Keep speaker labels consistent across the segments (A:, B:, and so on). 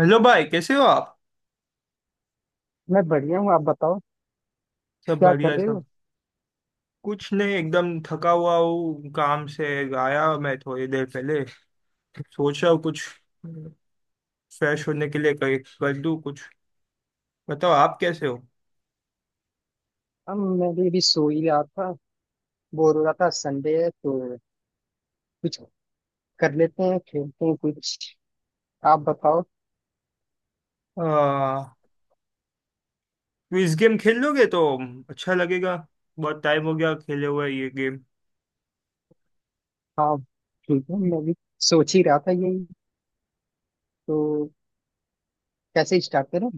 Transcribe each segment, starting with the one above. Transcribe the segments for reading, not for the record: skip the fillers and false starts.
A: Hello भाई, कैसे हो आप?
B: मैं बढ़िया हूँ। आप बताओ,
A: सब
B: क्या कर
A: बढ़िया,
B: रहे हो?
A: सब। कुछ नहीं, एकदम थका हुआ हूँ काम से। आया मैं थोड़ी देर पहले। सोच रहा हूँ कुछ फ्रेश होने के लिए कर दूँ कुछ। बताओ, आप कैसे हो?
B: हम मैं भी अभी सो ही रहा था। बोर हो रहा था, संडे है तो कुछ कर लेते हैं, खेलते हैं कुछ। आप बताओ।
A: आ, क्विज गेम खेल लोगे तो अच्छा लगेगा। बहुत टाइम हो गया खेले हुए ये गेम।
B: हाँ, ठीक है, मैं भी सोच ही रहा था यही। तो कैसे स्टार्ट करें?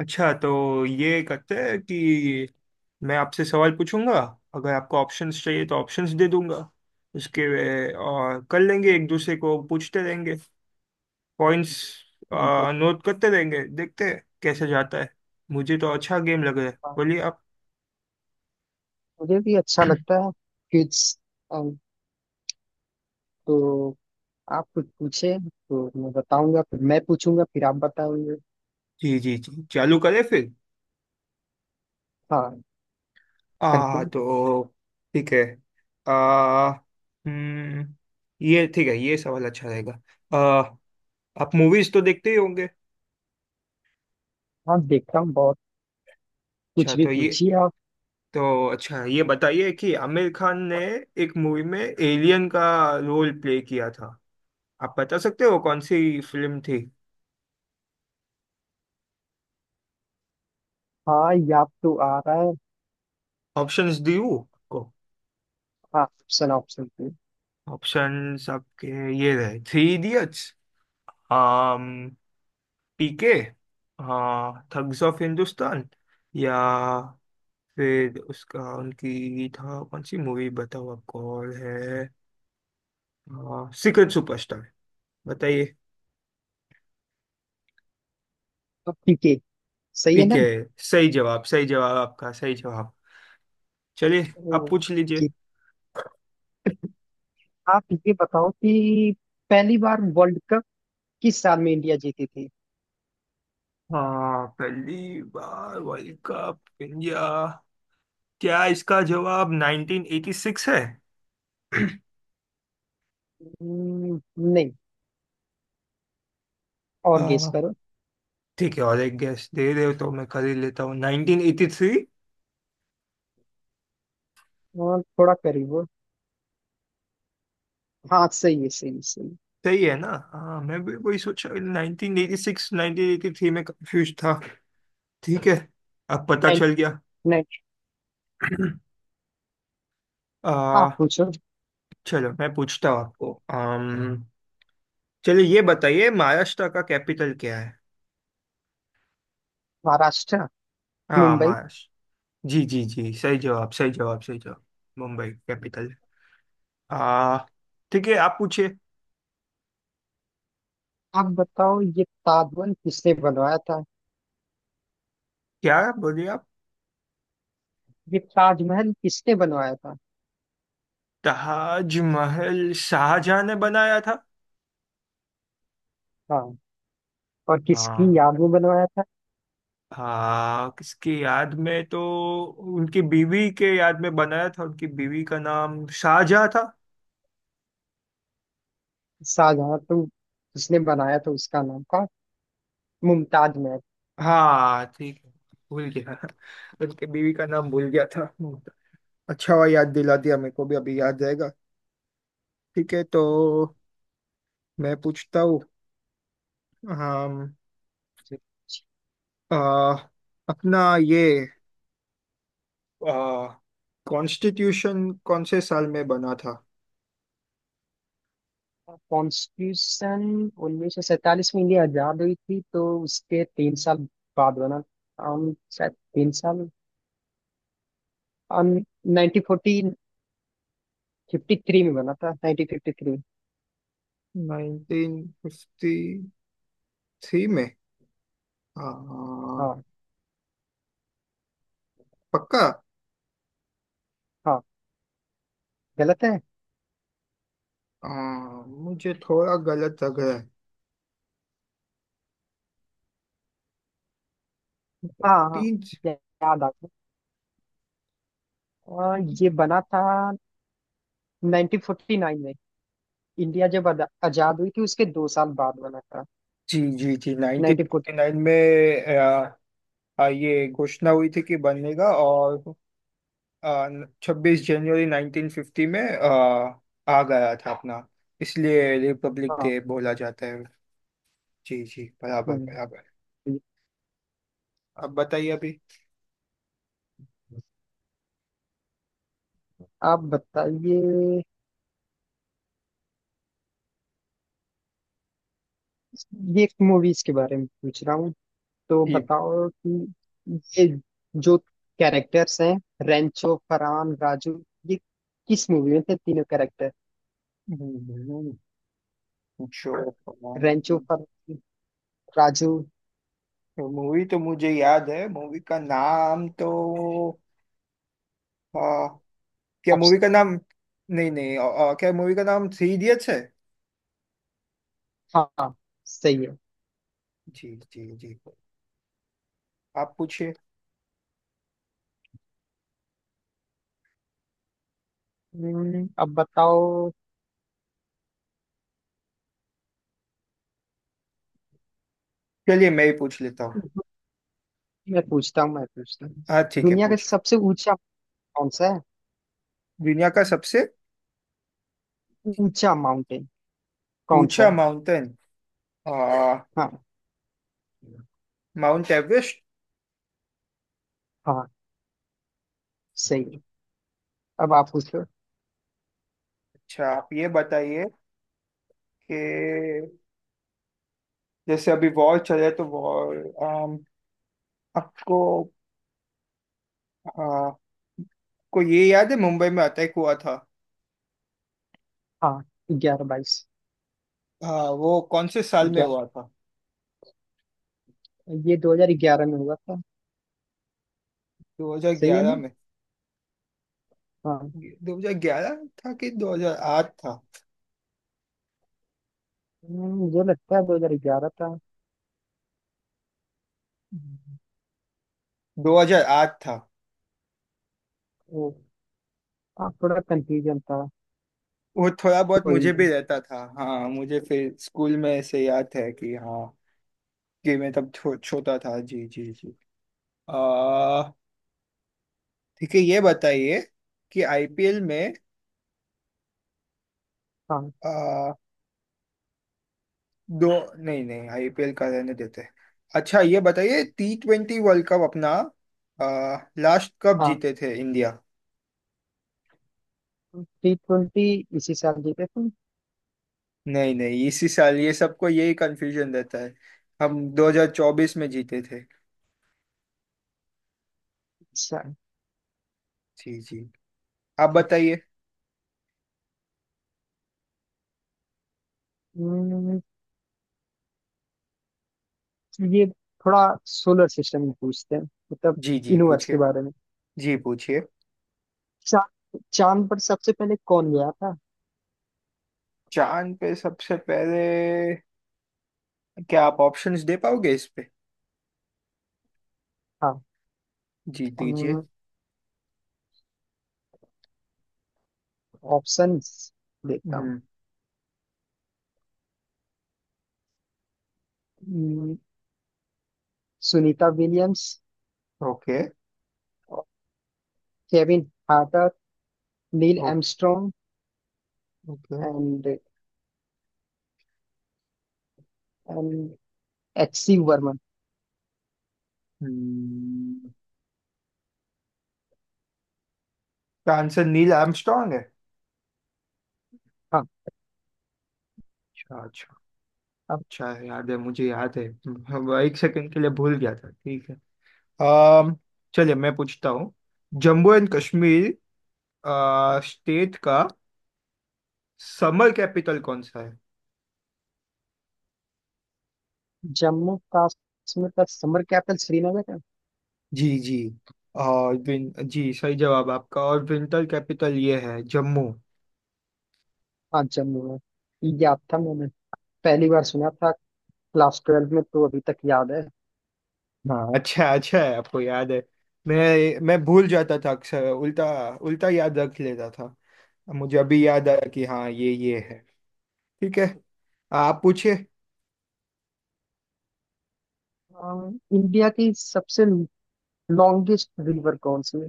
A: अच्छा, तो ये करते हैं कि मैं आपसे सवाल पूछूंगा। अगर आपको ऑप्शंस चाहिए तो ऑप्शंस दे दूंगा। उसके और कर लेंगे, एक दूसरे को पूछते रहेंगे, पॉइंट्स
B: हम फिर से-
A: नोट करते रहेंगे, देखते हैं कैसे जाता है। मुझे तो अच्छा गेम लग रहा है,
B: हाँ,
A: बोलिए आप।
B: मुझे भी अच्छा लगता है। कुछ अम, तो आप कुछ पूछे तो मैं बताऊंगा, फिर मैं पूछूंगा फिर आप बताओगे।
A: जी जी जी, चालू करें फिर।
B: हाँ, करते
A: आ
B: हैं।
A: तो ठीक है। आ हम्म ये ठीक है, ये सवाल अच्छा रहेगा। आ आप मूवीज तो देखते ही होंगे।
B: हाँ, देखता हूँ बहुत।
A: अच्छा,
B: कुछ भी
A: तो ये।
B: पूछिए आप।
A: तो अच्छा, ये बताइए कि आमिर खान ने एक मूवी में एलियन का रोल प्ले किया था। आप बता सकते हो कौन सी फिल्म थी?
B: हाँ, या तो आ रहा है।
A: ऑप्शंस दी हूँ आपको।
B: हाँ, ऑप्शन ऑप्शन।
A: ऑप्शंस आपके ये रहे, थ्री इडियट्स, पीके, हाँ, थग्स ऑफ हिंदुस्तान, या फिर उसका उनकी था कौन सी मूवी, बताओ आपको और है सीक्रेट सुपरस्टार। बताइए।
B: तो ठीक है, सही है ना?
A: पीके। सही जवाब, सही जवाब आपका, सही जवाब। चलिए,
B: ओ,
A: आप पूछ
B: कि
A: लीजिए।
B: आप ये बताओ कि पहली बार वर्ल्ड कप किस साल में इंडिया जीती थी।
A: हाँ, पहली बार वर्ल्ड कप इंडिया, क्या इसका जवाब 1986 है?
B: हम्म, नहीं। और गेस
A: आ,
B: करो।
A: ठीक है, और एक गैस दे रहे हो तो मैं कर ही लेता हूँ 1983।
B: और थोड़ा करीब हो। हाँ, सही है सही है, सही है।
A: सही है ना? हाँ, मैं भी वही सोचा, 1986 1983 में कंफ्यूज था। ठीक है, अब पता
B: नहीं,
A: चल गया।
B: नहीं। आप
A: आ,
B: पूछो।
A: चलो मैं पूछता हूँ आपको। चलिए, ये बताइए महाराष्ट्र का कैपिटल क्या है?
B: महाराष्ट्र।
A: हाँ,
B: मुंबई।
A: महाराष्ट्र। जी जी जी, सही जवाब, सही जवाब, सही जवाब। मुंबई कैपिटल। आ ठीक है, आप पूछिए।
B: आप बताओ, ये ताजमहल किसने बनवाया था?
A: क्या बोलिए आप?
B: ये ताजमहल किसने बनवाया था?
A: ताजमहल शाहजहां ने बनाया था।
B: हाँ, और किसकी
A: हाँ।
B: याद में बनवाया था?
A: हाँ, किसकी याद में तो उनकी बीवी के याद में बनाया था, उनकी बीवी का नाम शाहजहा था।
B: शाहजहां तो जिसने बनाया था, उसका नाम था मुमताज महल।
A: हाँ ठीक है, भूल गया। उनकी बीवी का नाम भूल गया था। अच्छा हुआ, याद दिला दिया, मेरे को भी अभी याद रहेगा। ठीक है, तो मैं पूछता हूँ। हम आ, अपना ये कॉन्स्टिट्यूशन कौन से साल में बना था?
B: कॉन्स्टिट्यूशन, 1947 में इंडिया आजाद हुई थी तो उसके 3 साल बाद बना। शायद 3 साल। नाइनटीन फोर्टी फिफ्टी थ्री में बना था, 1953।
A: 1953 में? हाँ,
B: हाँ।
A: पक्का?
B: हाँ, गलत है।
A: हाँ, मुझे थोड़ा गलत लग रहा है।
B: हाँ, हाँ।
A: तीन।
B: या- याद आ गया। और
A: जी
B: ये बना था 1949 में। इंडिया जब आजाद हुई थी उसके 2 साल बाद बना था।
A: जी जी,
B: नाइनटीन फोर्टी।
A: 1949 में। आ, आ, ये घोषणा हुई थी कि बनेगा, और 26 जनवरी 1950 में आ गया था अपना, इसलिए रिपब्लिक
B: हाँ।
A: डे बोला जाता है। जी जी, बराबर
B: हम्म,
A: बराबर। अब बताइए अभी।
B: आप बताइए। ये एक मूवीज के बारे में पूछ रहा हूँ, तो
A: ये।
B: बताओ कि ये जो कैरेक्टर्स हैं, रेंचो फरहान राजू, ये किस मूवी में थे तीनों कैरेक्टर?
A: हम्म, जो
B: रेंचो फर राजू।
A: मूवी तो मुझे याद है, मूवी का नाम तो। क्या
B: अब।
A: मूवी का नाम? नहीं नहीं, क्या मूवी का नाम थ्री इडियट्स है?
B: हाँ, सही है।
A: जी जी जी, आप पूछिए।
B: अब बताओ।
A: चलिए, मैं ही पूछ लेता हूँ।
B: मैं पूछता हूँ, मैं पूछता हूँ।
A: हाँ ठीक है,
B: दुनिया का
A: पूछिए।
B: सबसे ऊंचा कौन सा है?
A: दुनिया का सबसे
B: ऊंचा माउंटेन कौन सा
A: ऊंचा
B: है?
A: माउंटेन। आ,
B: हाँ।
A: Mount Everest.
B: हाँ, सही है। अब आप पूछ लो।
A: अच्छा, आप ये बताइए कि जैसे अभी वॉर चले तो वॉर, आपको, आ, को ये याद है मुंबई में अटैक हुआ था?
B: हाँ, ग्यारह बाईस।
A: वो कौन से साल में हुआ था?
B: ग्यारह, ये 2011 में हुआ था। सही है
A: 2011
B: ना?
A: में?
B: हाँ।
A: 2011 था कि 2008 था?
B: मुझे लगता है 2011 था।
A: 2008 था।
B: वो, हाँ, थोड़ा कंफ्यूजन था।
A: वो थोड़ा बहुत
B: कोई
A: मुझे भी
B: नहीं।
A: रहता था, हाँ मुझे फिर स्कूल में ऐसे याद है कि हाँ कि मैं तब छोटा था। जी जी जी। आ ठीक है, ये बताइए कि आईपीएल में
B: हाँ,
A: आ, दो। नहीं नहीं, आईपीएल का रहने देते हैं। अच्छा, ये बताइए T20 वर्ल्ड कप अपना लास्ट कब
B: हाँ।
A: जीते थे इंडिया?
B: T20 इसी साल जीते थे।
A: नहीं नहीं इसी साल? ये सबको यही कंफ्यूजन रहता है। हम 2024 में जीते थे।
B: सा-
A: जी जी, आप बताइए।
B: हम्म, ये थोड़ा सोलर सिस्टम में पूछते हैं, मतलब
A: जी जी
B: यूनिवर्स के
A: पूछिए।
B: बारे में।
A: जी पूछिए।
B: चा, चांद पर सबसे पहले कौन गया था?
A: चांद पे सबसे पहले? क्या आप ऑप्शंस दे पाओगे इस पे? जी दीजिए।
B: हाँ, ऑप्शंस देखता हूँ।
A: हम्म।
B: हम्म, Sunita Williams,
A: okay.
B: Kevin Harter, Neil
A: okay
B: Armstrong
A: okay.
B: And and H C Verman.
A: Hmm क्या आंसर नील आर्मस्ट्रॉन्ग है?
B: हाँ।
A: अच्छा अच्छा। अच्छा है, याद है, मुझे याद है। हम एक सेकंड के लिए भूल गया था। ठीक है। अम चलिए मैं पूछता हूँ। जम्मू एंड कश्मीर स्टेट का समर कैपिटल कौन सा है?
B: जम्मू कश्मीर का समर कैपिटल श्रीनगर है।
A: जी जी और विन जी, सही जवाब आपका, और विंटर कैपिटल ये है जम्मू।
B: हाँ, जम्मू है, ये याद था मैंने। पहली बार सुना था क्लास 12 में, तो अभी तक याद है।
A: हाँ, अच्छा, अच्छा है आपको याद है। मैं भूल जाता था अक्सर उल्टा, उल्टा याद रख लेता था। मुझे अभी याद आया कि हाँ ये है। ठीक है, आप पूछिए।
B: अ, इंडिया की सबसे लॉन्गेस्ट रिवर कौन सी है?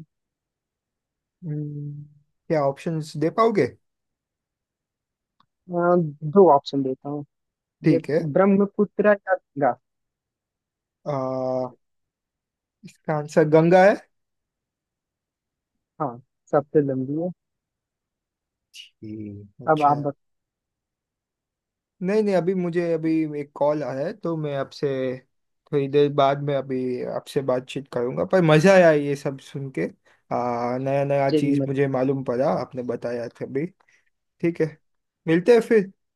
A: हम्म, क्या ऑप्शंस दे पाओगे?
B: अ, दो ऑप्शन देता हूँ। ये
A: ठीक है।
B: ब्रह्मपुत्र या गंगा?
A: आ, इसका आंसर गंगा है।
B: हाँ, सबसे लंबी है।
A: ठीक,
B: अब
A: अच्छा
B: आप
A: है।
B: बत-
A: नहीं नहीं, अभी मुझे अभी एक कॉल आया है, तो मैं आपसे थोड़ी देर बाद में अभी आपसे बातचीत करूंगा, पर मजा आया ये सब सुन के। नया नया
B: मुझे भी
A: चीज
B: मत
A: मुझे मालूम पड़ा, आपने बताया था। ठीक है, मिलते हैं फिर।